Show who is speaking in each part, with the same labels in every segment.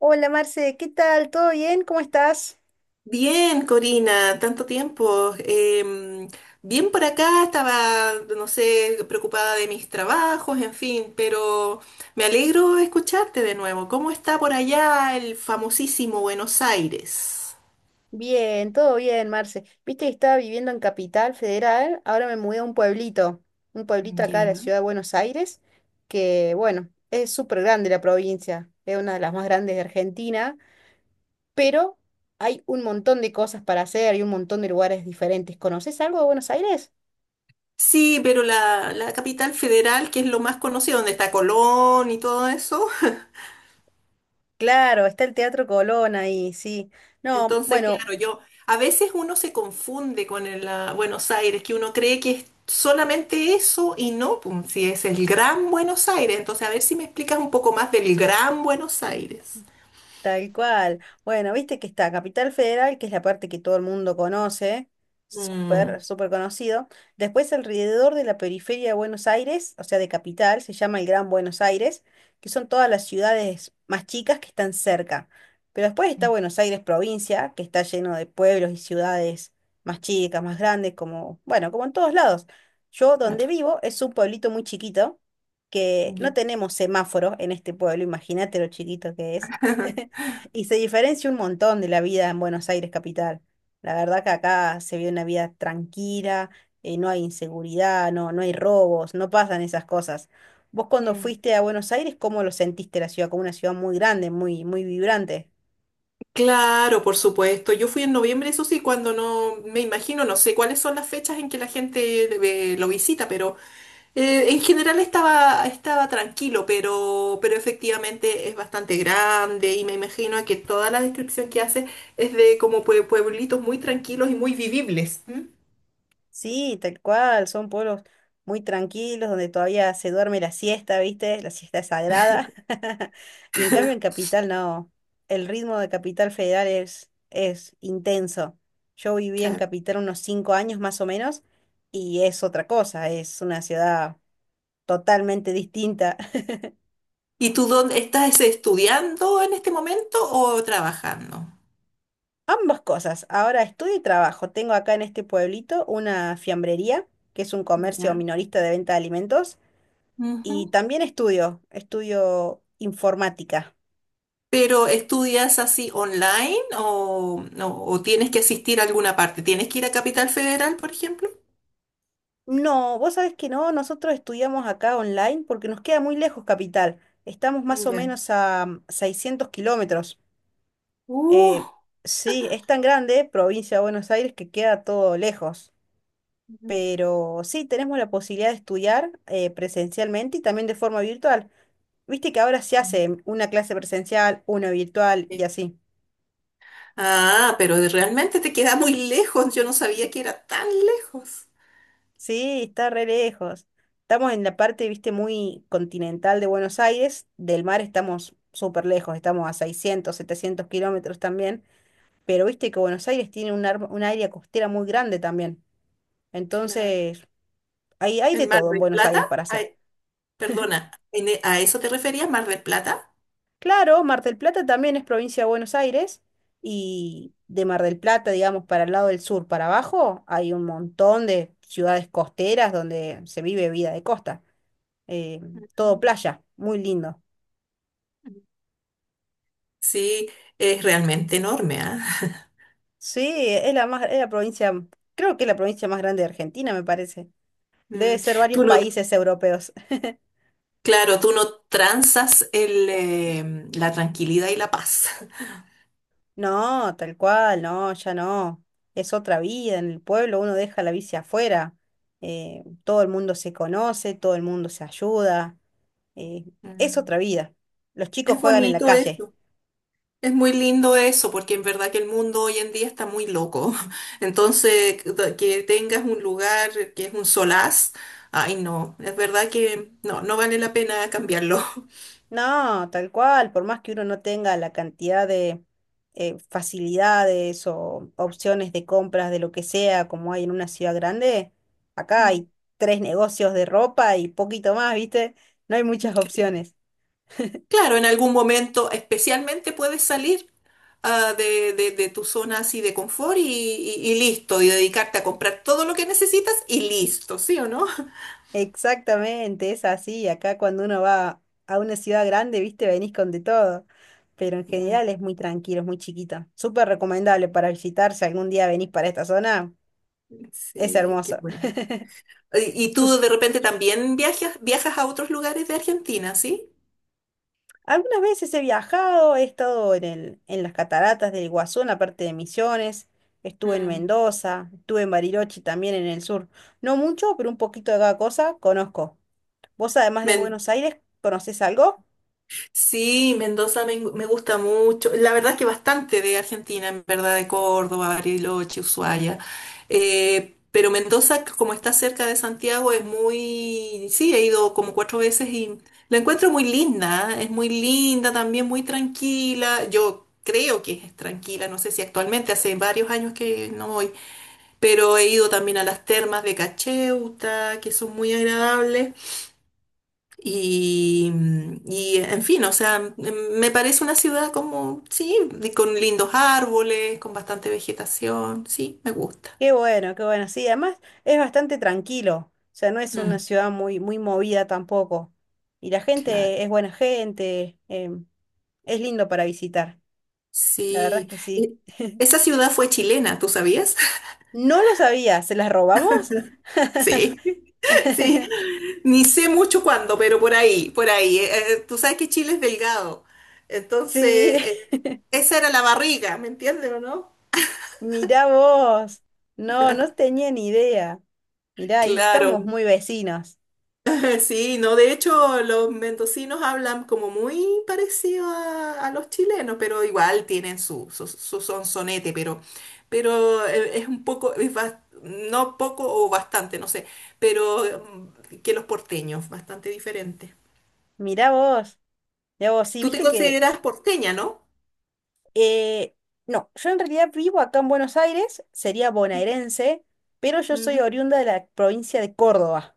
Speaker 1: Hola Marce, ¿qué tal? ¿Todo bien? ¿Cómo estás?
Speaker 2: Bien, Corina, tanto tiempo. Bien por acá, estaba, no sé, preocupada de mis trabajos, en fin, pero me alegro de escucharte de nuevo. ¿Cómo está por allá el famosísimo Buenos Aires?
Speaker 1: Bien, todo bien, Marce. Viste que estaba viviendo en Capital Federal, ahora me mudé a un pueblito acá de la
Speaker 2: Ya.
Speaker 1: ciudad de Buenos Aires, que bueno, es súper grande la provincia, es una de las más grandes de Argentina, pero hay un montón de cosas para hacer y un montón de lugares diferentes. ¿Conoces algo de Buenos Aires?
Speaker 2: Sí, pero la capital federal, que es lo más conocido, donde está Colón y todo eso.
Speaker 1: Claro, está el Teatro Colón ahí, sí. No,
Speaker 2: Entonces,
Speaker 1: bueno,
Speaker 2: claro, yo a veces uno se confunde con el, ah, Buenos Aires, que uno cree que es solamente eso y no, pum, si es el Gran Buenos Aires. Entonces, a ver si me explicas un poco más del Gran Buenos Aires.
Speaker 1: tal cual. Bueno, viste que está Capital Federal, que es la parte que todo el mundo conoce,
Speaker 2: Mm,
Speaker 1: súper, súper conocido. Después alrededor de la periferia de Buenos Aires, o sea, de Capital, se llama el Gran Buenos Aires, que son todas las ciudades más chicas que están cerca. Pero después está Buenos Aires provincia, que está lleno de pueblos y ciudades más chicas, más grandes, como, bueno, como en todos lados. Yo donde
Speaker 2: claro.
Speaker 1: vivo es un pueblito muy chiquito, que no
Speaker 2: Ya.
Speaker 1: tenemos semáforo en este pueblo, imagínate lo chiquito que es. Y se diferencia un montón de la vida en Buenos Aires capital. La verdad que acá se vive una vida tranquila, no hay inseguridad, no, no hay robos, no pasan esas cosas. Vos cuando
Speaker 2: Mm.
Speaker 1: fuiste a Buenos Aires, ¿cómo lo sentiste la ciudad? Como una ciudad muy grande, muy, muy vibrante.
Speaker 2: Claro, por supuesto. Yo fui en noviembre, eso sí, cuando no me imagino, no sé cuáles son las fechas en que la gente lo visita, pero en general estaba tranquilo, pero efectivamente es bastante grande y me imagino que toda la descripción que hace es de como pueblitos muy tranquilos y muy vivibles. ¿M?
Speaker 1: Sí, tal cual, son pueblos muy tranquilos donde todavía se duerme la siesta, ¿viste? La siesta es sagrada. Y en cambio en Capital no, el ritmo de Capital Federal es intenso. Yo viví en
Speaker 2: Claro.
Speaker 1: Capital unos 5 años más o menos y es otra cosa, es una ciudad totalmente distinta.
Speaker 2: ¿Y tú dónde estás estudiando en este momento o trabajando?
Speaker 1: Ambas cosas, ahora estudio y trabajo. Tengo acá en este pueblito una fiambrería, que es un comercio
Speaker 2: Ya.
Speaker 1: minorista de venta de alimentos.
Speaker 2: Ujú.
Speaker 1: Y también estudio, estudio informática.
Speaker 2: ¿Pero estudias así online o, no, o tienes que asistir a alguna parte? ¿Tienes que ir a Capital Federal, por ejemplo?
Speaker 1: No, vos sabés que no, nosotros estudiamos acá online porque nos queda muy lejos Capital. Estamos más o
Speaker 2: Ya.
Speaker 1: menos a 600 kilómetros. Eh,
Speaker 2: Uh.
Speaker 1: sí, es tan grande, provincia de Buenos Aires, que queda todo lejos. Pero sí, tenemos la posibilidad de estudiar presencialmente y también de forma virtual. Viste que ahora se
Speaker 2: Ujú.
Speaker 1: hace una clase presencial, una virtual y así.
Speaker 2: Ah, pero realmente te queda muy lejos. Yo no sabía que era tan lejos.
Speaker 1: Sí, está re lejos. Estamos en la parte, viste, muy continental de Buenos Aires. Del mar estamos súper lejos, estamos a 600, 700 kilómetros también. Pero viste que Buenos Aires tiene un área costera muy grande también.
Speaker 2: Claro.
Speaker 1: Entonces, hay de
Speaker 2: ¿En Mar
Speaker 1: todo en
Speaker 2: del
Speaker 1: Buenos
Speaker 2: Plata?
Speaker 1: Aires para hacer.
Speaker 2: Ay, perdona, ¿en ¿a eso te referías, Mar del Plata?
Speaker 1: Claro, Mar del Plata también es provincia de Buenos Aires. Y de Mar del Plata, digamos, para el lado del sur, para abajo, hay un montón de ciudades costeras donde se vive vida de costa. eh, Todo
Speaker 2: Mm.
Speaker 1: playa, muy lindo.
Speaker 2: Sí, es realmente enorme, ¿ah?
Speaker 1: Sí, es la más, es la provincia, creo que es la provincia más grande de Argentina, me parece. Debe
Speaker 2: Mm,
Speaker 1: ser varios
Speaker 2: tú no,
Speaker 1: países europeos.
Speaker 2: claro, tú no transas el, la tranquilidad y la paz.
Speaker 1: No, tal cual, no, ya no. Es otra vida en el pueblo, uno deja la bici afuera. Todo el mundo se conoce, todo el mundo se ayuda. eh, es
Speaker 2: Mm.
Speaker 1: otra vida. Los chicos
Speaker 2: Es
Speaker 1: juegan en la
Speaker 2: bonito
Speaker 1: calle.
Speaker 2: eso. Es muy lindo eso, porque en verdad que el mundo hoy en día está muy loco. Entonces, que tengas un lugar que es un solaz, ay no, es verdad que no, no vale la pena cambiarlo.
Speaker 1: No, tal cual, por más que uno no tenga la cantidad de facilidades o opciones de compras de lo que sea como hay en una ciudad grande, acá
Speaker 2: Mm.
Speaker 1: hay tres negocios de ropa y poquito más, ¿viste? No hay muchas
Speaker 2: Ok.
Speaker 1: opciones.
Speaker 2: Claro, en algún momento especialmente puedes salir ah, de tu zona así de confort y, y listo, y dedicarte a comprar todo lo que necesitas y listo, ¿sí o no?
Speaker 1: Exactamente, es así. Acá cuando uno va a una ciudad grande, ¿viste? Venís con de todo. Pero en
Speaker 2: Mm,
Speaker 1: general es muy tranquilo, es muy chiquito. Súper recomendable para visitar si algún día venís para esta zona. Es
Speaker 2: sí, qué
Speaker 1: hermoso.
Speaker 2: bueno. ¿Y
Speaker 1: ¿Tú,
Speaker 2: tú de repente también viajas a otros lugares de Argentina, sí?
Speaker 1: Algunas veces he viajado, he estado en el, en las cataratas del Iguazú, en la parte de Misiones, estuve en
Speaker 2: Mm.
Speaker 1: Mendoza, estuve en Bariloche también en el sur. No mucho, pero un poquito de cada cosa conozco. Vos, además de
Speaker 2: Men-
Speaker 1: Buenos Aires, ¿conocés algo?
Speaker 2: sí, Mendoza me gusta mucho. La verdad es que bastante de Argentina, en verdad, de Córdoba, Bariloche, Ushuaia. Pero Mendoza, como está cerca de Santiago, es muy... Sí, he ido como cuatro veces y la encuentro muy linda. ¿Eh? Es muy linda, también muy tranquila. Yo creo que es tranquila, no sé si actualmente, hace varios años que no voy. Pero he ido también a las termas de Cacheuta, que son muy agradables. Y, y, en fin, o sea, me parece una ciudad como, sí, con lindos árboles, con bastante vegetación, sí, me gusta.
Speaker 1: Qué bueno, qué bueno. Sí, además es bastante tranquilo. O sea, no es una
Speaker 2: Mm,
Speaker 1: ciudad muy, muy movida tampoco. Y la
Speaker 2: claro,
Speaker 1: gente es buena gente, es lindo para visitar. La verdad es
Speaker 2: sí.
Speaker 1: que sí.
Speaker 2: Y esa ciudad fue chilena, ¿tú sabías?
Speaker 1: No lo sabía, ¿se las robamos?
Speaker 2: Sí, sí. Ni sé mucho cuándo, pero por ahí, por ahí. Tú sabes que Chile es delgado, entonces
Speaker 1: Sí,
Speaker 2: esa era la barriga, ¿me entiendes o no?
Speaker 1: mirá vos. No, no tenía ni idea. Mirá, ahí estamos
Speaker 2: Claro,
Speaker 1: muy vecinos.
Speaker 2: sí, no, de hecho los mendocinos hablan como muy parecido a los chilenos, pero igual tienen su sonsonete, pero es un poco, es no poco o bastante, no sé, pero mm, que los porteños, bastante diferente.
Speaker 1: Mirá vos. Mirá vos, sí,
Speaker 2: Tú te
Speaker 1: viste que...
Speaker 2: consideras porteña, ¿no?
Speaker 1: eh, no, yo en realidad vivo acá en Buenos Aires, sería
Speaker 2: Ujú.
Speaker 1: bonaerense, pero yo soy oriunda de la provincia de Córdoba.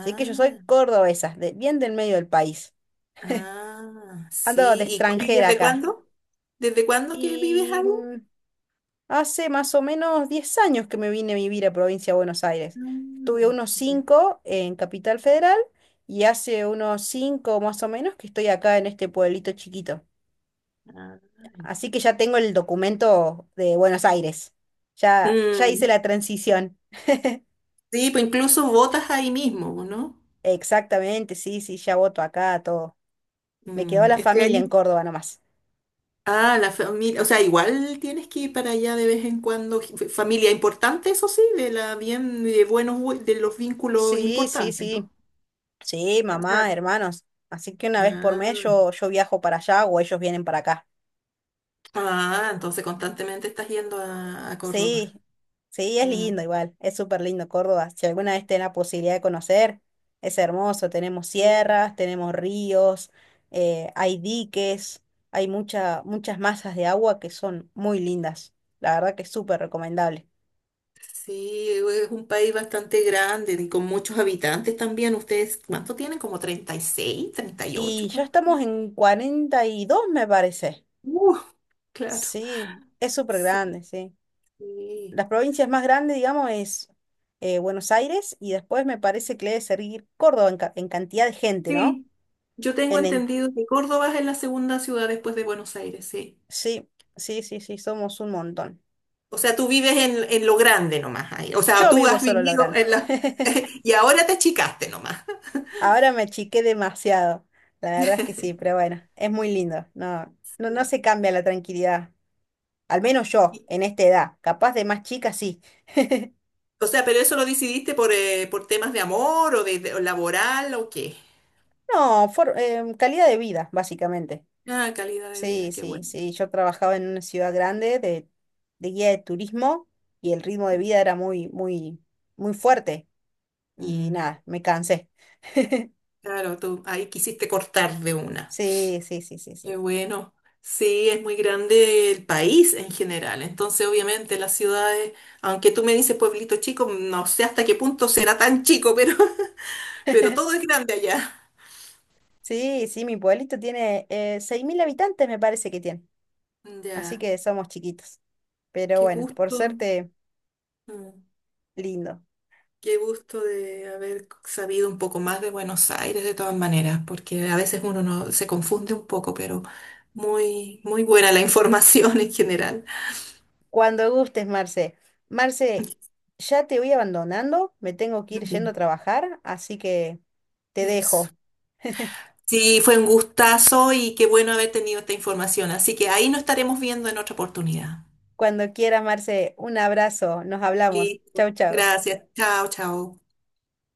Speaker 1: Así que yo soy cordobesa, de- bien del medio del país.
Speaker 2: ah,
Speaker 1: Ando de
Speaker 2: sí. ¿Y, y
Speaker 1: extranjera
Speaker 2: desde
Speaker 1: acá.
Speaker 2: cuándo? ¿Desde cuándo que vives ahí?
Speaker 1: Y hace más o menos 10 años que me vine a vivir a Provincia de Buenos Aires. Estuve
Speaker 2: Ah,
Speaker 1: unos
Speaker 2: ya.
Speaker 1: cinco en Capital Federal y hace unos 5 más o menos que estoy acá en este pueblito chiquito.
Speaker 2: Ah, ya.
Speaker 1: Así que ya tengo el documento de Buenos Aires. Ya, ya hice
Speaker 2: Mm.
Speaker 1: la transición.
Speaker 2: Sí, pues incluso votas ahí mismo, ¿no?
Speaker 1: Exactamente, sí, sí, ya voto acá, todo. Me quedó
Speaker 2: Mm,
Speaker 1: la
Speaker 2: este
Speaker 1: familia
Speaker 2: año.
Speaker 1: en Córdoba nomás.
Speaker 2: Ah, la familia. O sea, igual tienes que ir para allá de vez en cuando. Familia importante, eso sí, de la bien, de buenos, de los vínculos
Speaker 1: Sí, sí,
Speaker 2: importantes,
Speaker 1: sí.
Speaker 2: ¿no?
Speaker 1: Sí,
Speaker 2: O sea,
Speaker 1: mamá, hermanos. Así que una vez por mes
Speaker 2: ah,
Speaker 1: yo, yo viajo para allá o ellos vienen para acá.
Speaker 2: ah, entonces constantemente estás yendo a Córdoba.
Speaker 1: Sí, sí, es
Speaker 2: Mm,
Speaker 1: lindo igual, es súper lindo Córdoba. Si alguna vez tenés la posibilidad de conocer, es hermoso. Tenemos
Speaker 2: sí.
Speaker 1: sierras, tenemos ríos, hay diques, hay mucha, muchas masas de agua que son muy lindas. La verdad que es súper recomendable.
Speaker 2: Sí, es un país bastante grande y con muchos habitantes también. ¿Ustedes cuánto tienen? ¿Como 36, 38,
Speaker 1: Y ya
Speaker 2: ¿Cuánto?
Speaker 1: estamos en 42 me parece.
Speaker 2: Uh, claro.
Speaker 1: Sí, es súper
Speaker 2: Sí.
Speaker 1: grande, sí.
Speaker 2: Sí.
Speaker 1: Las provincias más grandes, digamos, es Buenos Aires y después me parece que le debe seguir Córdoba en, en cantidad de gente, ¿no?
Speaker 2: Sí. Yo tengo
Speaker 1: En
Speaker 2: entendido que Córdoba es la segunda ciudad después de Buenos Aires, sí.
Speaker 1: Sí, sí, sí, sí, somos un montón.
Speaker 2: O sea, tú vives en lo grande nomás ahí. O sea,
Speaker 1: Yo
Speaker 2: tú
Speaker 1: vivo
Speaker 2: has
Speaker 1: solo lo
Speaker 2: vivido
Speaker 1: grande.
Speaker 2: en la... Y ahora te achicaste nomás.
Speaker 1: Ahora me achiqué demasiado. La verdad es que sí, pero bueno, es muy lindo. No, no, no
Speaker 2: Sí.
Speaker 1: se cambia la tranquilidad. Al menos
Speaker 2: Y-
Speaker 1: yo, en esta edad. Capaz de más chica, sí.
Speaker 2: o sea, pero eso lo decidiste por temas de amor o de, o laboral o qué.
Speaker 1: No, calidad de vida, básicamente.
Speaker 2: Ah, calidad de
Speaker 1: Sí,
Speaker 2: vida, qué
Speaker 1: sí,
Speaker 2: bueno.
Speaker 1: sí. Yo trabajaba en una ciudad grande de, guía de turismo y el ritmo de vida era muy, muy, muy fuerte. Y
Speaker 2: Mm.
Speaker 1: nada, me cansé.
Speaker 2: Claro, tú ahí quisiste cortar de una.
Speaker 1: Sí, sí, sí, sí,
Speaker 2: Qué
Speaker 1: sí.
Speaker 2: bueno. Sí, es muy grande el país en general. Entonces, obviamente, las ciudades, aunque tú me dices pueblito chico, no sé hasta qué punto será tan chico, pero, pero todo es grande allá.
Speaker 1: Sí, sí, mi pueblito tiene 6.000 habitantes, me parece que tiene. Así
Speaker 2: Ya,
Speaker 1: que somos chiquitos. Pero
Speaker 2: qué
Speaker 1: bueno, por
Speaker 2: gusto,
Speaker 1: suerte,
Speaker 2: mm,
Speaker 1: lindo.
Speaker 2: qué gusto de haber sabido un poco más de Buenos Aires de todas maneras, porque a veces uno no, se confunde un poco, pero muy, muy buena la información en general.
Speaker 1: Cuando gustes, Marce. Marce, ya te voy abandonando, me tengo que
Speaker 2: Ya,
Speaker 1: ir yendo a trabajar, así que te
Speaker 2: eso.
Speaker 1: dejo.
Speaker 2: Sí, fue un gustazo y qué bueno haber tenido esta información. Así que ahí nos estaremos viendo en otra oportunidad.
Speaker 1: Cuando quieras, Marce, un abrazo, nos hablamos.
Speaker 2: Listo.
Speaker 1: Chau, chau.
Speaker 2: Gracias. Chao, chao.